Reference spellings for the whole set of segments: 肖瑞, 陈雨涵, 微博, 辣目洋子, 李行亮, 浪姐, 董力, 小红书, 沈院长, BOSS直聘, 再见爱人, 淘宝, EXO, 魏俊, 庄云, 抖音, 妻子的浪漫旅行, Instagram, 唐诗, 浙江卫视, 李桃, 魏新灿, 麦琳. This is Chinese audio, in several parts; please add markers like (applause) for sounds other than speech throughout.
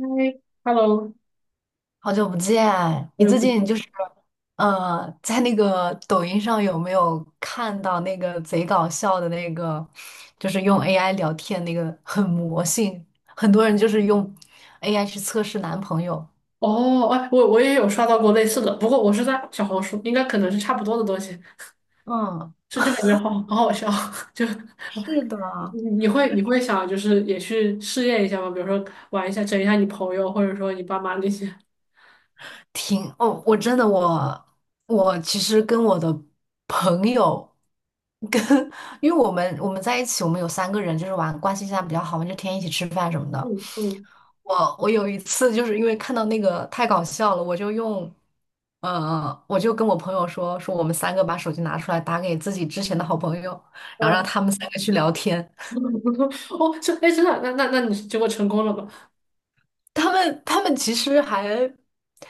嗨，Hello，好久不见，好你久最不近就是见。在那个抖音上有没有看到那个贼搞笑的那个，就是用 AI 聊天那个很魔性，很多人就是用 AI 去测试男朋友。哦，哎，我也有刷到过类似的，不过我是在小红书，应该可能是差不多的东西，嗯，就感觉好好笑，(laughs) 就是的，你你会想就是也去试验一下吗？比如说玩一下，整一下你朋友，或者说你爸妈那些。哦，我真的我其实跟我的朋友跟，(laughs) 因为我们在一起，我们有三个人就是玩关系现在比较好嘛，就天天一起吃饭什么的。嗯嗯我有一次就是因为看到那个太搞笑了，我就跟我朋友说说我们三个把手机拿出来打给自己之前的好朋友，然后让嗯，他们三个去聊天。(laughs) 哦，这哎真的，那你结果成功了吗？他们其实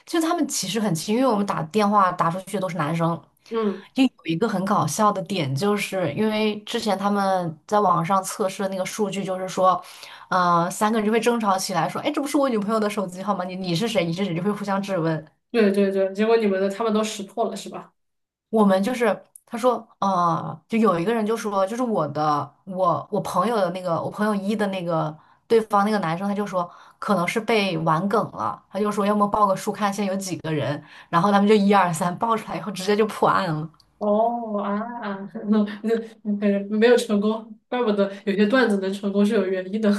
就他们其实很亲，因为我们打电话打出去的都是男生。嗯，就有一个很搞笑的点，就是因为之前他们在网上测试的那个数据，就是说，三个人就会争吵起来，说，哎，这不是我女朋友的手机号吗？你是谁？你是谁？就会互相质问。对对对，结果你们的他们都识破了是吧？我们就是他说，就有一个人就说，我朋友的那个，我朋友一的那个对方那个男生，他就说可能是被玩梗了，他就说要么报个数看现在有几个人，然后他们就一二三报出来以后直接就破案了。哦啊，(laughs) 那那感觉没有成功，怪不得有些段子能成功是有原因的。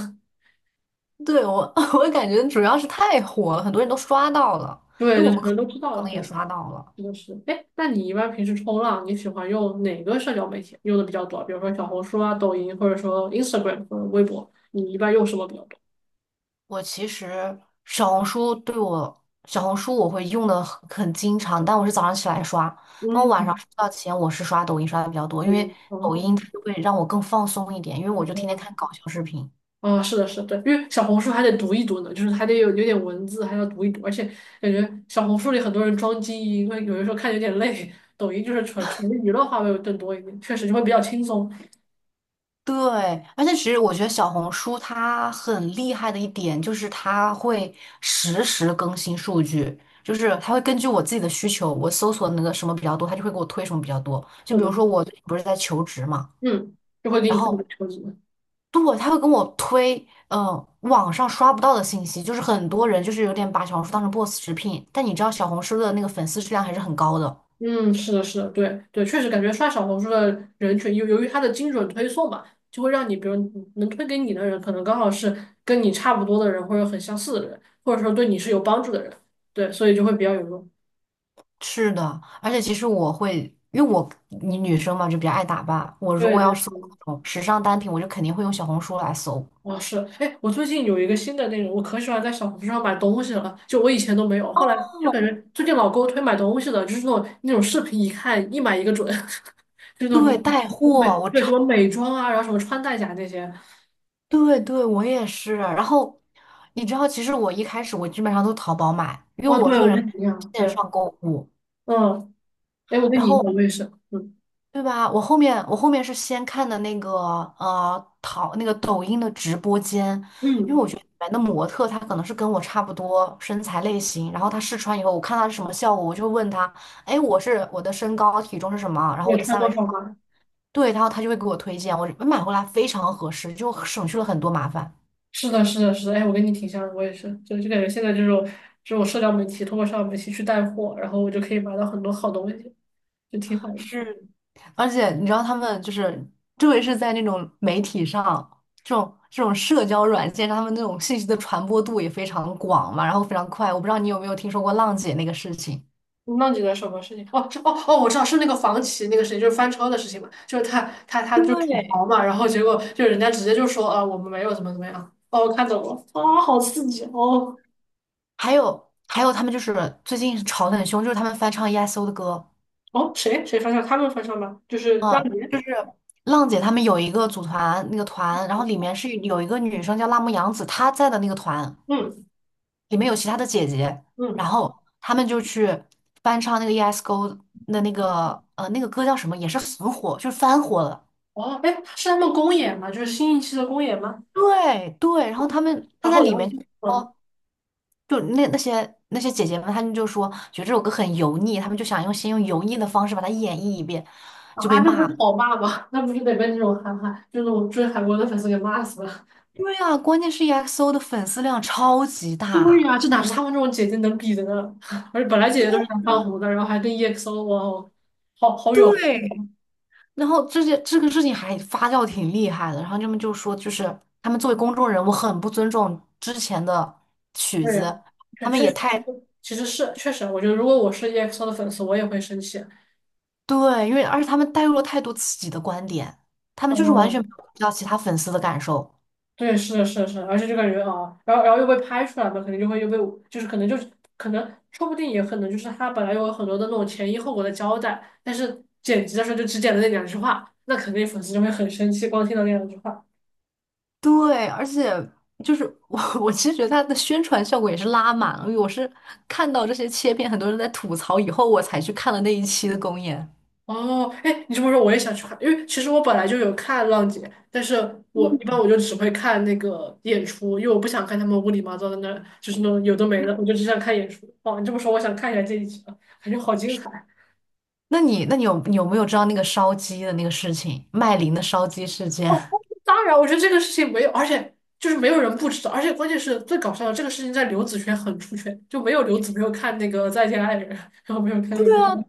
对，我 (laughs)，我感觉主要是太火了，很多人都刷到了，对，就就是可能都知我道可了，能对，也刷到了。是的是。哎，那你一般平时冲浪，你喜欢用哪个社交媒体用的比较多？比如说小红书啊、抖音，或者说 Instagram 或者微博，你一般用什么比较多？我其实小红书我会用的很经常，但我是早上起来刷，那我晚上嗯，睡觉前我是刷抖音刷的比较多，因抖为音。抖哦，音它就会让我更放松一点，因为我就天天看搞笑视频。啊，是的，是的，对，因为小红书还得读一读呢，就是还得有点文字，还要读一读，而且感觉小红书里很多人装精英，为有的时候看有点累。抖音就是纯纯娱乐化会更多一点，确实就会比较轻松。对，而且其实我觉得小红书它很厉害的一点就是它会实时更新数据，就是它会根据我自己的需求，我搜索那个什么比较多，它就会给我推什么比较多。就是比的，如说我最近不是在求职嘛，嗯，就会给然你推一个后车子。对，他会跟我推，嗯，网上刷不到的信息，就是很多人就是有点把小红书当成 BOSS 直聘，但你知道小红书的那个粉丝质量还是很高的。嗯，是的，是的，对对，确实感觉刷小红书的人群，由于它的精准推送嘛，就会让你，比如能推给你的人，可能刚好是跟你差不多的人，或者很相似的人，或者说对你是有帮助的人，对，所以就会比较有用。是的，而且其实我会，因为我你女生嘛就比较爱打扮，我如对果对要搜那对，种时尚单品，我就肯定会用小红书来搜。哦是，哎，我最近有一个新的那种，我可喜欢在小红书上买东西了，就我以前都没有，后来就感哦，觉最近老给我推买东西的，就是那种视频，一看一买一个准，(laughs) 就是那种对，带什么美，货，我对，超，什么美妆啊，然后什么穿戴甲那些。对对，我也是。然后你知道，其实我一开始我基本上都淘宝买，因为哦，我对，这个我人跟你一样，线对。上购物，嗯，哎，我跟然你一后样，我也是，嗯对吧？我后面我后面是先看的那个那个抖音的直播间，因为嗯，我觉得里面的模特她可能是跟我差不多身材类型，然后她试穿以后，我看她是什么效果，我就会问她，哎，我的身高体重是什么，然你后我的也穿三围多是什少么，吗？对，然后她就会给我推荐，我买回来非常合适，就省去了很多麻烦。是的，是的，是的，哎，我跟你挺像的，我也是，就感觉现在这种社交媒体，通过社交媒体去带货，然后我就可以买到很多好东西，就挺好的。是，而且你知道他们就是，特别是在那种媒体上，这种社交软件上，他们那种信息的传播度也非常广嘛，然后非常快。我不知道你有没有听说过浪姐那个事情，那你的什么事情？哦，是哦哦，我知道是那个房企那个谁，就是翻车的事情嘛，就是他就吐对，槽嘛，然后结果就人家直接就说啊，我们没有怎么怎么样。哦，我看懂了，啊、好刺激哦还有还有他们就是最近吵得很凶，就是他们翻唱 EXO 的歌，哦，谁谁翻车？他们翻车吗？就是让嗯，你，就是浪姐他们有一个组团那个团，然后里面是有一个女生叫辣目洋子，她在的那个团。嗯里面有其他的姐姐，嗯。然后他们就去翻唱那个 ESGO 的那个那个歌叫什么，也是很火，就是翻火了。哦，哎，是他们公演吗？就是新一期的公演吗？对对，然后他然在后，里然面后，就嗯，说，就那些姐姐们，他们就说觉得这首歌很油腻，他们就想先用油腻的方式把它演绎一遍，就被啊，那不骂了。是讨骂吗？那不是得被那种韩寒，就那种追韩国的粉丝给骂死了。对啊，关键是 EXO 的粉丝量超级对大。呀、这哪是他们这种姐姐能比的呢？(laughs) 而且本来姐姐都是想当红的，然后还跟 EXO,哇哦，好好有，然后这些这个事情还发酵挺厉害的，然后他们就说，就是他们作为公众人物很不尊重之前的曲对呀、子，确他们确也实，太其实是确实，我觉得如果我是 EXO 的粉丝，我也会生气。对，因为而且他们带入了太多自己的观点，他们就是完全不嗯，有顾及到其他粉丝的感受。对，是的，是的，是的，而且这感觉啊，然后又被拍出来嘛，肯定就会又被，就是可能就是可能，说不定也可能就是他本来有很多的那种前因后果的交代，但是剪辑的时候就只剪了那两句话，那肯定粉丝就会很生气，光听到那两句话。对，而且就是我，(laughs) 我其实觉得他的宣传效果也是拉满了。因为我是看到这些切片，很多人在吐槽以后，我才去看了那一期的公演。哦，哎，你这么说我也想去看，因为其实我本来就有看浪姐，但是我一般我就只会看那个演出，因为我不想看他们乌里麻糟的那，就是那种有的没的，我就只想看演出。哦，你这么说，我想看一下这一集了，感觉好精彩。那你有没有知道那个烧鸡的那个事情，麦琳的烧鸡事件？当然，我觉得这个事情没有，而且就是没有人不知道，而且关键是最搞笑的，这个事情在刘子轩很出圈，就没有刘子没有看那个《再见爱人》，然后没有看 (laughs) 对那个哈啊，洛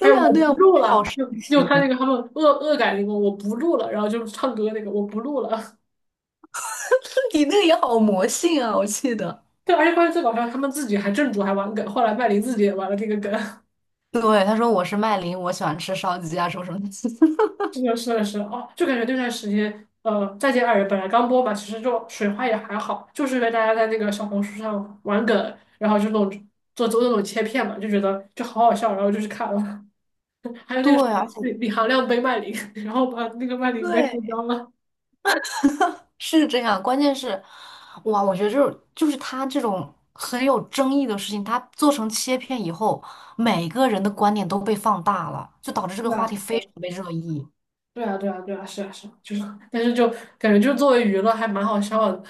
还有呀我对呀，不录好了，神又奇，看那个他们恶改那个我不录了，然后就唱歌那个我不录了，(laughs) 你那个也好魔性啊，我记得。对，而且关键最搞笑，他们自己还正主还玩梗，后来麦琳自己也玩了这个梗，对，他说我是麦琳，我喜欢吃烧鸡啊，什么什么的。(laughs) 是的，是的，是的哦，就感觉那段时间，再见爱人》本来刚播吧，其实就水花也还好，就是因为大家在那个小红书上玩梗，然后这种做那种切片嘛，就觉得就好好笑，然后就去看了。(laughs) 还有那个对，什么而且李行亮背麦琳，(laughs) 然后把那个麦琳背对，受伤了。是这样。关键是，哇，我觉得就是他这种很有争议的事情，他做成切片以后，每个人的观点都被放大了，就导致这对个话题啊，非常被热议。对啊，对啊，对啊，是啊，是啊，就是，但是就感觉就作为娱乐还蛮好笑的。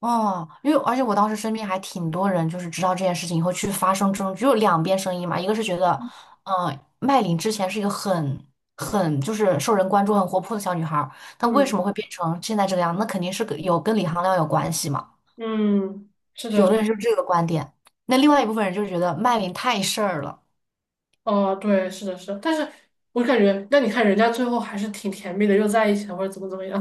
哦，因为而且我当时身边还挺多人，就是知道这件事情以后去发生争执，只有两边声音嘛，一个是觉得，嗯、麦琳之前是一个很就是受人关注、很活泼的小女孩儿，但为什嗯么会变成现在这个样子那肯定是跟有跟李行亮有关系嘛。嗯，是的，有的人是这个观点，那另外一部分人就是觉得麦琳太事儿了。哦，对，是的，是的但是我感觉，那你看人家最后还是挺甜蜜的，又在一起了，或者怎么怎么样。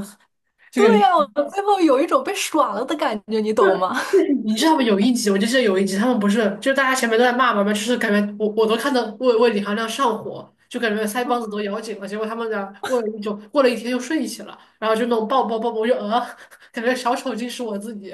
就感对觉呀、我最后有一种被耍了的感觉，你懂吗？你知道吗？有一集，我就记得有一集，他们不是就是大家前面都在骂嘛嘛，就是感觉我都看到为李行亮上火，就感觉腮帮子都咬紧了。结果他们俩过了一周，过了一天又睡一起了，然后就那种抱抱抱抱，我就(laughs) 感觉小丑竟是我自己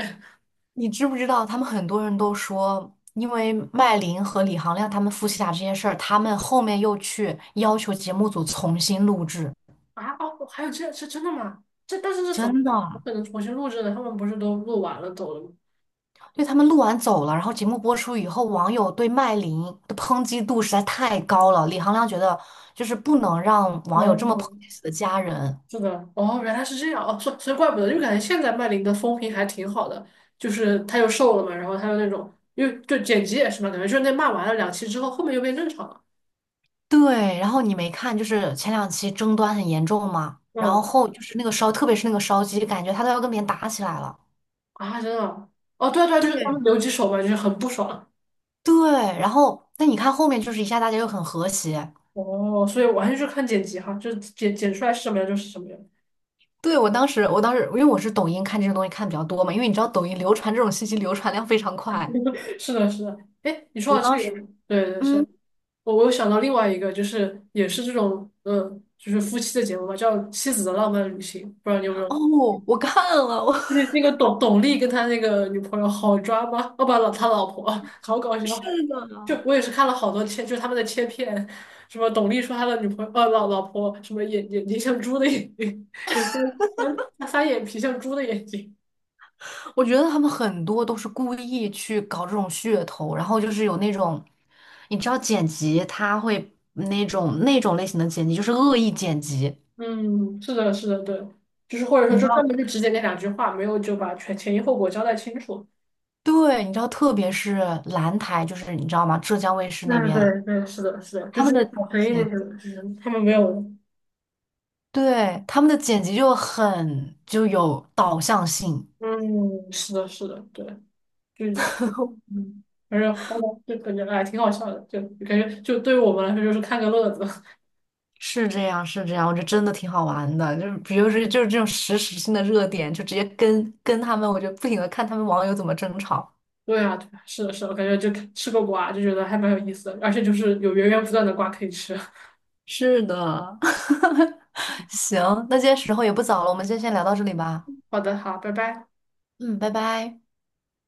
你知不知道，他们很多人都说，因为麦琳和李行亮他们夫妻俩这件事儿，他们后面又去要求节目组重新录制，啊！哦，还有这是真的吗？这但是这怎么真的，我可能重新录制的？他们不是都录完了走了吗？对他们录完走了，然后节目播出以后，网友对麦琳的抨击度实在太高了，李行亮觉得就是不能让网友这么抨哦击自己的家人。是的，哦，原来是这样，哦，所以怪不得，因为感觉现在麦林的风评还挺好的，就是她又瘦了嘛，然后她又那种，因为就剪辑也是嘛，感觉就是那骂完了两期之后，后面又变正常了。对，然后你没看，就是前两期争端很严重嘛，然后嗯，后就是那个烧，特别是那个烧鸡，感觉他都要跟别人打起来了。啊，真的啊哦，对啊对啊，就是他对们留几手嘛，就是很不爽。对，然后但你看后面就是一下大家又很和谐。哦，所以完全就是看剪辑哈，就是剪出来是什么样就是什么样。对，我当时因为我是抖音看这种东西看的比较多嘛，因为你知道抖音流传这种信息流传量非常快。(laughs) 是的，是的。哎，你说我到当这个，时，对对是，嗯，我有想到另外一个，就是也是这种，嗯，就是夫妻的节目嘛，叫《妻子的浪漫旅行》，不知道你有没有？哦，我看了，我 (laughs) 那那个董力跟他那个女朋友好抓吗？哦不，老他老婆好搞 (laughs) 是笑。就的，我也是看了好多切，就是他们的切片，什么董力说他的女朋友老婆什么眼睛像猪的眼睛，(laughs) 有时候翻他翻眼皮像猪的眼睛。我觉得他们很多都是故意去搞这种噱头，然后就是有那种，你知道剪辑他会那种类型的剪辑就是恶意剪辑，嗯，是的，是的，对，就是或者说你就知专道？门就只剪那两句话，没有就把全前因后果交代清楚。对，你知道，特别是蓝台，就是你知道吗？浙江卫视那对边对对，是的，是的，就他们是的。小黑那剪。些，就是他们没有。对，他们的剪辑就很就有导向性，嗯，是的，是的，对，就 (laughs) 嗯，反正好吧，就感觉哎挺好笑的，就感觉就对于我们来说就是看个乐子。(laughs) 是这样，是这样，我觉得真的挺好玩的。就是比如说，就是这种实时性的热点，就直接跟他们，我就不停的看他们网友怎么争吵。对啊，对啊，是的，是的，感觉就吃个瓜就觉得还蛮有意思的，而且就是有源源不断的瓜可以吃。是的，(laughs) 行，那今天时候也不早了，我们今天先聊到这里吧。(laughs) 好的，好，拜拜。嗯，拜拜。